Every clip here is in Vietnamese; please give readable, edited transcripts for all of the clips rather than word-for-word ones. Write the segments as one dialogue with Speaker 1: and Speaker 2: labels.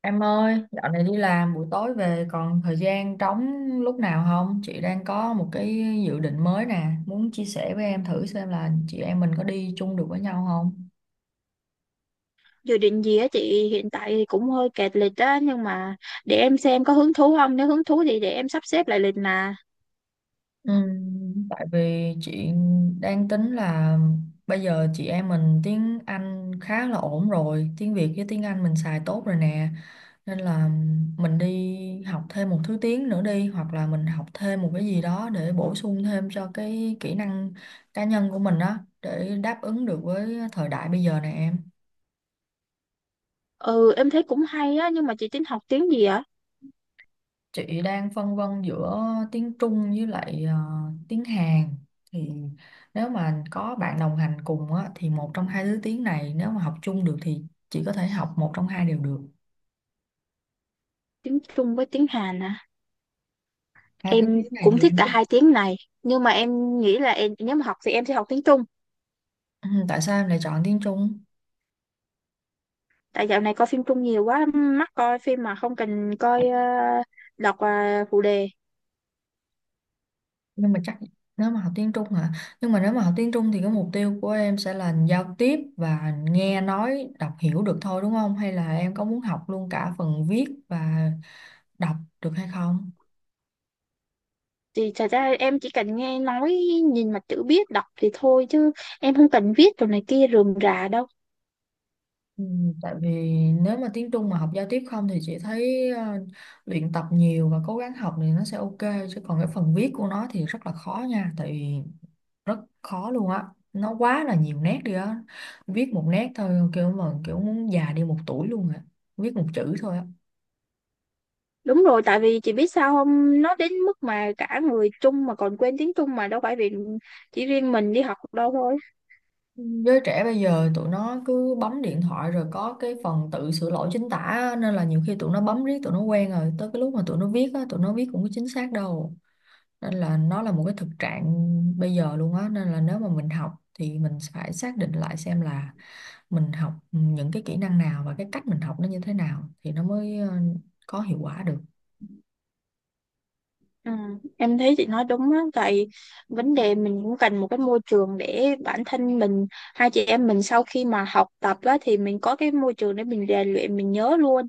Speaker 1: Em ơi, dạo này đi làm buổi tối về còn thời gian trống lúc nào không? Chị đang có một cái dự định mới nè, muốn chia sẻ với em thử xem là chị em mình có đi chung được với nhau không?
Speaker 2: Dự định gì á chị? Hiện tại thì cũng hơi kẹt lịch á nhưng mà để em xem có hứng thú không, nếu hứng thú thì để em sắp xếp lại lịch mà.
Speaker 1: Tại vì chị đang tính là bây giờ chị em mình tiếng Anh khá là ổn rồi, tiếng Việt với tiếng Anh mình xài tốt rồi nè. Nên là mình đi học thêm một thứ tiếng nữa đi hoặc là mình học thêm một cái gì đó để bổ sung thêm cho cái kỹ năng cá nhân của mình đó để đáp ứng được với thời đại bây giờ nè em.
Speaker 2: Ừ, em thấy cũng hay á, nhưng mà chị tính học tiếng gì á?
Speaker 1: Chị đang phân vân giữa tiếng Trung với lại tiếng Hàn thì nếu mà có bạn đồng hành cùng á, thì một trong hai thứ tiếng này nếu mà học chung được thì chị có thể học một trong hai đều được.
Speaker 2: Tiếng Trung với tiếng Hàn à?
Speaker 1: Hai thứ
Speaker 2: Em
Speaker 1: tiếng này
Speaker 2: cũng
Speaker 1: thì
Speaker 2: thích
Speaker 1: em
Speaker 2: cả
Speaker 1: thích?
Speaker 2: hai tiếng này, nhưng mà em nghĩ là nếu mà học thì em sẽ học tiếng Trung.
Speaker 1: Ừ, tại sao em lại chọn tiếng Trung?
Speaker 2: Tại dạo này coi phim Trung nhiều quá, mắc coi phim mà không cần coi đọc phụ đề.
Speaker 1: Nhưng mà chắc nếu mà học tiếng Trung hả, nhưng mà nếu mà học tiếng Trung thì cái mục tiêu của em sẽ là giao tiếp và nghe nói đọc hiểu được thôi đúng không, hay là em có muốn học luôn cả phần viết và đọc được hay không?
Speaker 2: Thì thật ra em chỉ cần nghe nói, nhìn mặt chữ biết đọc thì thôi, chứ em không cần viết đồ này kia rườm rà đâu.
Speaker 1: Ừ, tại vì nếu mà tiếng Trung mà học giao tiếp không thì chị thấy luyện tập nhiều và cố gắng học thì nó sẽ ok, chứ còn cái phần viết của nó thì rất là khó nha, tại vì rất khó luôn á, nó quá là nhiều nét đi á, viết một nét thôi kiểu mà kiểu muốn già đi một tuổi luôn á, viết một chữ thôi á.
Speaker 2: Đúng rồi, tại vì chị biết sao không, nó đến mức mà cả người Trung mà còn quên tiếng Trung, mà đâu phải vì chỉ riêng mình đi học đâu thôi.
Speaker 1: Giới trẻ bây giờ tụi nó cứ bấm điện thoại rồi có cái phần tự sửa lỗi chính tả á, nên là nhiều khi tụi nó bấm riết tụi nó quen rồi tới cái lúc mà tụi nó viết á tụi nó viết cũng có chính xác đâu, nên là nó là một cái thực trạng bây giờ luôn á, nên là nếu mà mình học thì mình phải xác định lại xem là mình học những cái kỹ năng nào và cái cách mình học nó như thế nào thì nó mới có hiệu quả được.
Speaker 2: Ừ, em thấy chị nói đúng á, tại vấn đề mình cũng cần một cái môi trường để bản thân mình, hai chị em mình sau khi mà học tập á, thì mình có cái môi trường để mình rèn luyện, mình nhớ luôn.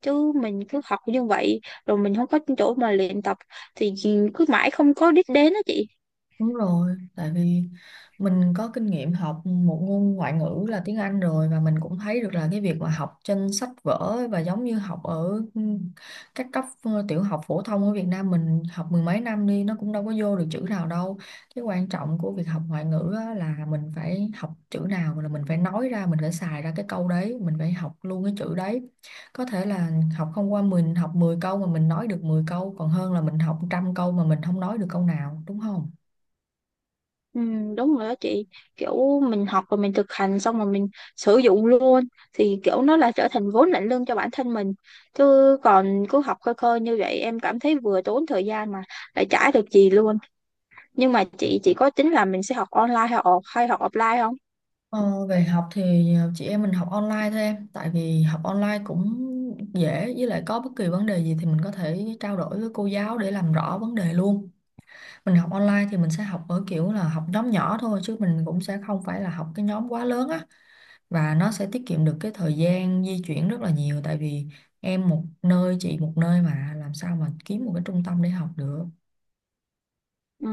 Speaker 2: Chứ mình cứ học như vậy, rồi mình không có chỗ mà luyện tập thì cứ mãi không có đích đến á chị.
Speaker 1: Đúng rồi, tại vì mình có kinh nghiệm học một ngôn ngoại ngữ là tiếng Anh rồi và mình cũng thấy được là cái việc mà học trên sách vở và giống như học ở các cấp tiểu học phổ thông ở Việt Nam mình học mười mấy năm đi nó cũng đâu có vô được chữ nào đâu. Cái quan trọng của việc học ngoại ngữ á là mình phải học chữ nào là mình phải nói ra, mình phải xài ra cái câu đấy, mình phải học luôn cái chữ đấy. Có thể là học không qua, mình học 10 câu mà mình nói được 10 câu còn hơn là mình học trăm câu mà mình không nói được câu nào, đúng không?
Speaker 2: Ừ, đúng rồi đó chị, kiểu mình học rồi mình thực hành xong rồi mình sử dụng luôn thì kiểu nó là trở thành vốn lạnh lương cho bản thân mình, chứ còn cứ học khơi khơi như vậy em cảm thấy vừa tốn thời gian mà lại chả được gì luôn. Nhưng mà chị có tính là mình sẽ học online hay off hay học offline không?
Speaker 1: Ờ, về học thì chị em mình học online thôi em, tại vì học online cũng dễ, với lại có bất kỳ vấn đề gì thì mình có thể trao đổi với cô giáo để làm rõ vấn đề luôn. Mình học online thì mình sẽ học ở kiểu là học nhóm nhỏ thôi chứ mình cũng sẽ không phải là học cái nhóm quá lớn á, và nó sẽ tiết kiệm được cái thời gian di chuyển rất là nhiều, tại vì em một nơi chị một nơi mà làm sao mà kiếm một cái trung tâm để học được.
Speaker 2: Ừ,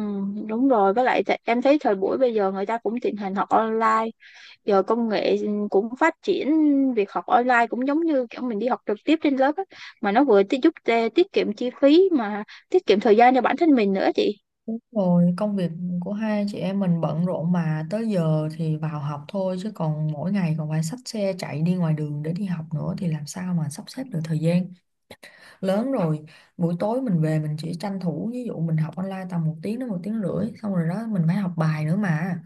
Speaker 2: đúng rồi, với lại em thấy thời buổi bây giờ người ta cũng thịnh hành học online, giờ công nghệ cũng phát triển, việc học online cũng giống như kiểu mình đi học trực tiếp trên lớp á. Mà nó vừa giúp tiết kiệm chi phí mà tiết kiệm thời gian cho bản thân mình nữa chị.
Speaker 1: Đúng rồi, công việc của hai chị em mình bận rộn mà tới giờ thì vào học thôi chứ còn mỗi ngày còn phải xách xe chạy đi ngoài đường để đi học nữa thì làm sao mà sắp xếp được thời gian. Lớn rồi, buổi tối mình về mình chỉ tranh thủ, ví dụ mình học online tầm một tiếng đến một tiếng rưỡi xong rồi đó mình phải học bài nữa mà.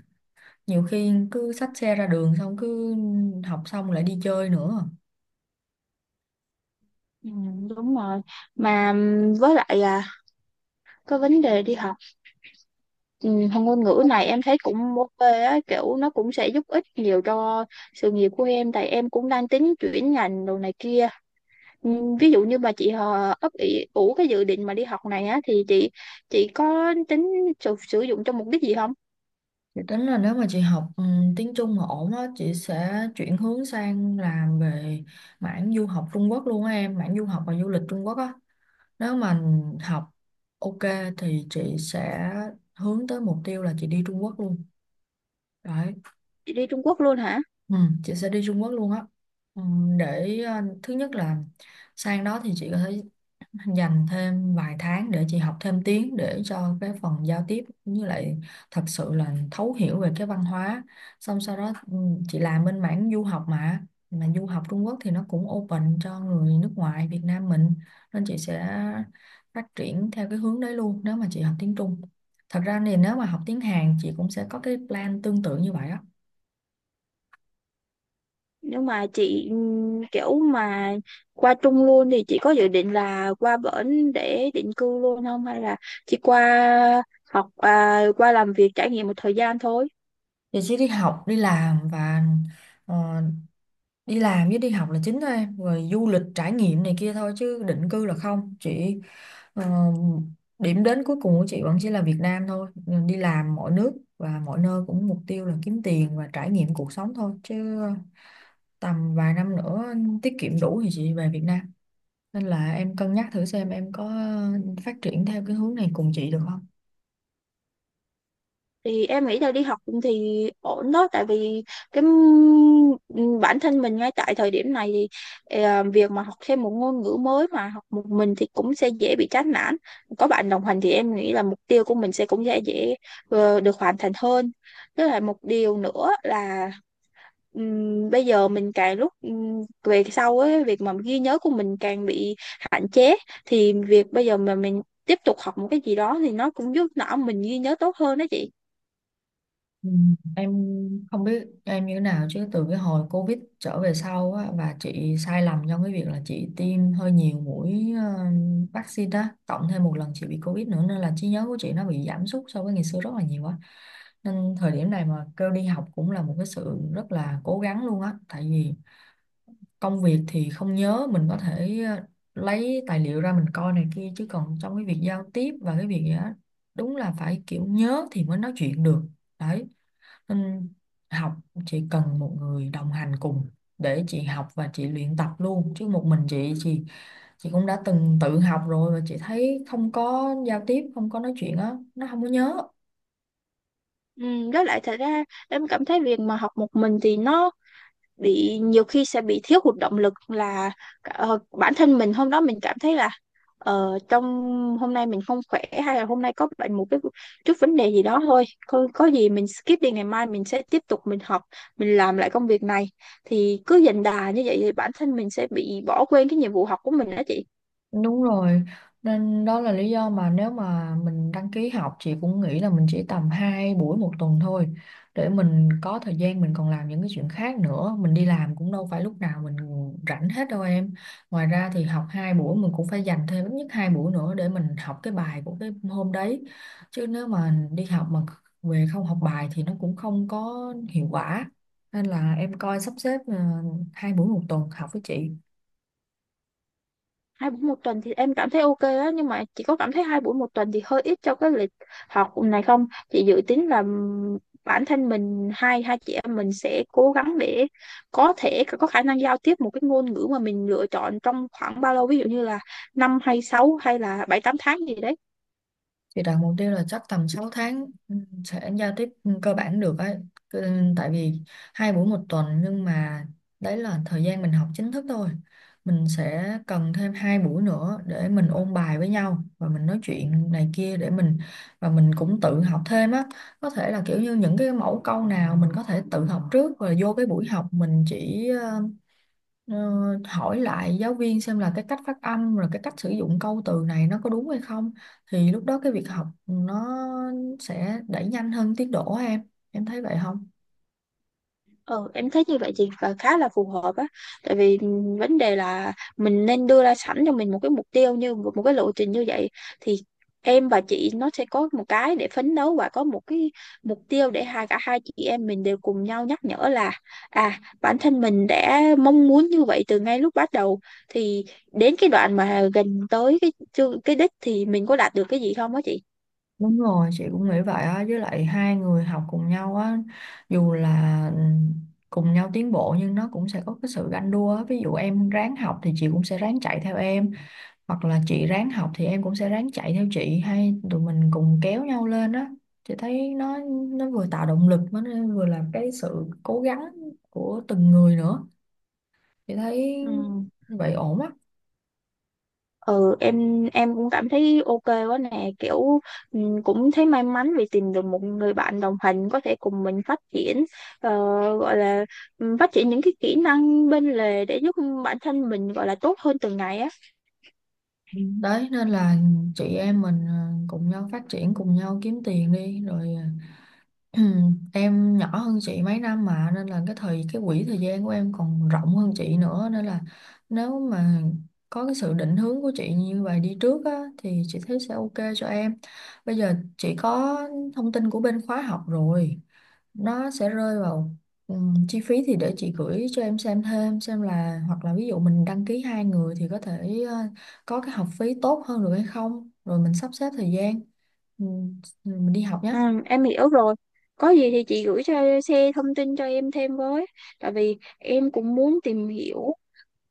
Speaker 1: Nhiều khi cứ xách xe ra đường xong cứ học xong lại đi chơi nữa.
Speaker 2: Ừ, đúng rồi. Mà với lại à, cái vấn đề đi học, học ngôn ngữ này em thấy cũng ok á, kiểu nó cũng sẽ giúp ích nhiều cho sự nghiệp của em, tại em cũng đang tính chuyển ngành đồ này kia. Ví dụ như mà chị ấp ủ cái dự định mà đi học này á thì chị có tính sử sử dụng cho mục đích gì không?
Speaker 1: Chị tính là nếu mà chị học tiếng Trung mà ổn á, chị sẽ chuyển hướng sang làm về mảng du học Trung Quốc luôn á em, mảng du học và du lịch Trung Quốc á. Nếu mà học ok thì chị sẽ hướng tới mục tiêu là chị đi Trung Quốc luôn. Đấy,
Speaker 2: Chị đi Trung Quốc luôn hả?
Speaker 1: ừ, chị sẽ đi Trung Quốc luôn á. Ừ, thứ nhất là sang đó thì chị có thể dành thêm vài tháng để chị học thêm tiếng để cho cái phần giao tiếp cũng như lại thật sự là thấu hiểu về cái văn hóa, xong sau đó chị làm bên mảng du học mà du học Trung Quốc thì nó cũng open cho người nước ngoài Việt Nam mình nên chị sẽ phát triển theo cái hướng đấy luôn nếu mà chị học tiếng Trung. Thật ra thì nếu mà học tiếng Hàn chị cũng sẽ có cái plan tương tự như vậy á.
Speaker 2: Nhưng mà chị, kiểu mà qua Trung luôn thì chị có dự định là qua bển để định cư luôn không, hay là chỉ qua học à, qua làm việc trải nghiệm một thời gian thôi?
Speaker 1: Thì chị chỉ đi học đi làm và ờ, đi làm với đi học là chính thôi em, rồi du lịch trải nghiệm này kia thôi chứ định cư là không chị. ờ, Điểm đến cuối cùng của chị vẫn chỉ là Việt Nam thôi. Ờ, đi làm mọi nước và mọi nơi cũng mục tiêu là kiếm tiền và trải nghiệm cuộc sống thôi, chứ tầm vài năm nữa tiết kiệm đủ thì chị về Việt Nam. Nên là em cân nhắc thử xem em có phát triển theo cái hướng này cùng chị được không?
Speaker 2: Thì em nghĩ là đi học thì ổn đó, tại vì bản thân mình ngay tại thời điểm này thì việc mà học thêm một ngôn ngữ mới mà học một mình thì cũng sẽ dễ bị chán nản, có bạn đồng hành thì em nghĩ là mục tiêu của mình sẽ cũng sẽ dễ được hoàn thành hơn. Với lại một điều nữa là bây giờ mình càng lúc về sau ấy, việc mà ghi nhớ của mình càng bị hạn chế, thì việc bây giờ mà mình tiếp tục học một cái gì đó thì nó cũng giúp não mình ghi nhớ tốt hơn đó chị.
Speaker 1: Ừ, Em không biết em như thế nào chứ từ cái hồi Covid trở về sau á, và chị sai lầm trong cái việc là chị tiêm hơi nhiều mũi vaccine đó, cộng thêm một lần chị bị Covid nữa nên là trí nhớ của chị nó bị giảm sút so với ngày xưa rất là nhiều á, nên thời điểm này mà kêu đi học cũng là một cái sự rất là cố gắng luôn á, tại vì công việc thì không nhớ mình có thể lấy tài liệu ra mình coi này kia, chứ còn trong cái việc giao tiếp và cái việc gì á đúng là phải kiểu nhớ thì mới nói chuyện được, đấy, nên học chỉ cần một người đồng hành cùng để chị học và chị luyện tập luôn, chứ một mình chị cũng đã từng tự học rồi và chị thấy không có giao tiếp không có nói chuyện á nó không có nhớ.
Speaker 2: Ừ, với lại thật ra em cảm thấy việc mà học một mình thì nó bị, nhiều khi sẽ bị thiếu hụt động lực, là bản thân mình hôm đó mình cảm thấy là trong hôm nay mình không khỏe, hay là hôm nay có bệnh một cái chút vấn đề gì đó thôi, có gì mình skip đi, ngày mai mình sẽ tiếp tục mình học, mình làm lại công việc này, thì cứ dần đà như vậy thì bản thân mình sẽ bị bỏ quên cái nhiệm vụ học của mình đó chị.
Speaker 1: Đúng rồi, nên đó là lý do mà nếu mà mình đăng ký học chị cũng nghĩ là mình chỉ tầm 2 buổi một tuần thôi, để mình có thời gian mình còn làm những cái chuyện khác nữa, mình đi làm cũng đâu phải lúc nào mình rảnh hết đâu em. Ngoài ra thì học 2 buổi mình cũng phải dành thêm ít nhất 2 buổi nữa để mình học cái bài của cái hôm đấy. Chứ nếu mà đi học mà về không học bài thì nó cũng không có hiệu quả. Nên là em coi sắp xếp 2 buổi một tuần học với chị.
Speaker 2: Hai buổi một tuần thì em cảm thấy ok á, nhưng mà chị có cảm thấy hai buổi một tuần thì hơi ít cho cái lịch học này không? Chị dự tính là bản thân mình, hai hai chị em mình sẽ cố gắng để có thể có khả năng giao tiếp một cái ngôn ngữ mà mình lựa chọn trong khoảng bao lâu, ví dụ như là năm hay sáu hay là bảy tám tháng gì đấy?
Speaker 1: Thì đặt mục tiêu là chắc tầm 6 tháng sẽ giao tiếp cơ bản được ấy. Cứ- ừ, Tại vì hai buổi một tuần nhưng mà đấy là thời gian mình học chính thức thôi. Mình sẽ cần thêm hai buổi nữa để mình ôn bài với nhau và mình nói chuyện này kia để mình, và mình cũng tự học thêm á. Có thể là kiểu như những cái mẫu câu nào mình có thể tự học trước rồi vô cái buổi học mình chỉ Ờ, hỏi lại giáo viên xem là cái cách phát âm rồi cái cách sử dụng câu từ này nó có đúng hay không, thì lúc đó cái việc học nó sẽ đẩy nhanh hơn tiến độ á em thấy vậy không?
Speaker 2: Ừ, em thấy như vậy chị và khá là phù hợp á, tại vì vấn đề là mình nên đưa ra sẵn cho mình một cái mục tiêu, như một một cái lộ trình như vậy thì em và chị nó sẽ có một cái để phấn đấu, và có một cái mục tiêu để cả hai chị em mình đều cùng nhau nhắc nhở là, à, bản thân mình đã mong muốn như vậy từ ngay lúc bắt đầu, thì đến cái đoạn mà gần tới cái đích thì mình có đạt được cái gì không á chị.
Speaker 1: Đúng rồi, chị cũng nghĩ vậy á, với lại hai người học cùng nhau á dù là cùng nhau tiến bộ nhưng nó cũng sẽ có cái sự ganh đua á. Ví dụ em ráng học thì chị cũng sẽ ráng chạy theo em, hoặc là chị ráng học thì em cũng sẽ ráng chạy theo chị, hay tụi mình cùng kéo nhau lên đó, chị thấy nó vừa tạo động lực mà nó vừa là cái sự cố gắng của từng người nữa, chị thấy
Speaker 2: Ừ.
Speaker 1: vậy ổn á.
Speaker 2: Ừ, em cũng cảm thấy ok quá nè, kiểu cũng thấy may mắn vì tìm được một người bạn đồng hành có thể cùng mình phát triển, ờ, gọi là phát triển những cái kỹ năng bên lề để giúp bản thân mình, gọi là tốt hơn từng ngày á.
Speaker 1: Ừ. Đấy nên là chị em mình cùng nhau phát triển cùng nhau kiếm tiền đi rồi Ừ, em nhỏ hơn chị mấy năm mà, nên là cái thời cái quỹ thời gian của em còn rộng hơn chị nữa, nên là nếu mà có cái sự định hướng của chị như vậy đi trước á, thì chị thấy sẽ ok cho em. Bây giờ chị có thông tin của bên khóa học rồi, nó sẽ rơi vào chi phí, thì để chị gửi cho em xem thêm xem là hoặc là ví dụ mình đăng ký hai người thì có thể có cái học phí tốt hơn được hay không, rồi mình sắp xếp thời gian ừm, mình đi học
Speaker 2: Ừ,
Speaker 1: nhé.
Speaker 2: em hiểu rồi, có gì thì chị gửi cho xe thông tin cho em thêm với, tại vì em cũng muốn tìm hiểu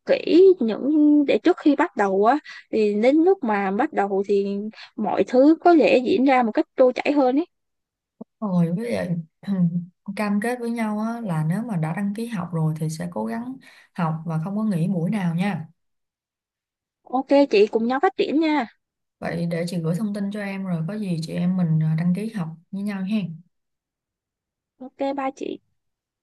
Speaker 2: kỹ những để trước khi bắt đầu á, thì đến lúc mà bắt đầu thì mọi thứ có thể diễn ra một cách trôi chảy hơn ấy.
Speaker 1: Rồi với lại cam kết với nhau á, là nếu mà đã đăng ký học rồi thì sẽ cố gắng học và không có nghỉ buổi nào nha.
Speaker 2: Ok chị, cùng nhau phát triển nha.
Speaker 1: Vậy để chị gửi thông tin cho em rồi có gì chị em mình đăng ký học với nhau ha.
Speaker 2: Ok ba chị.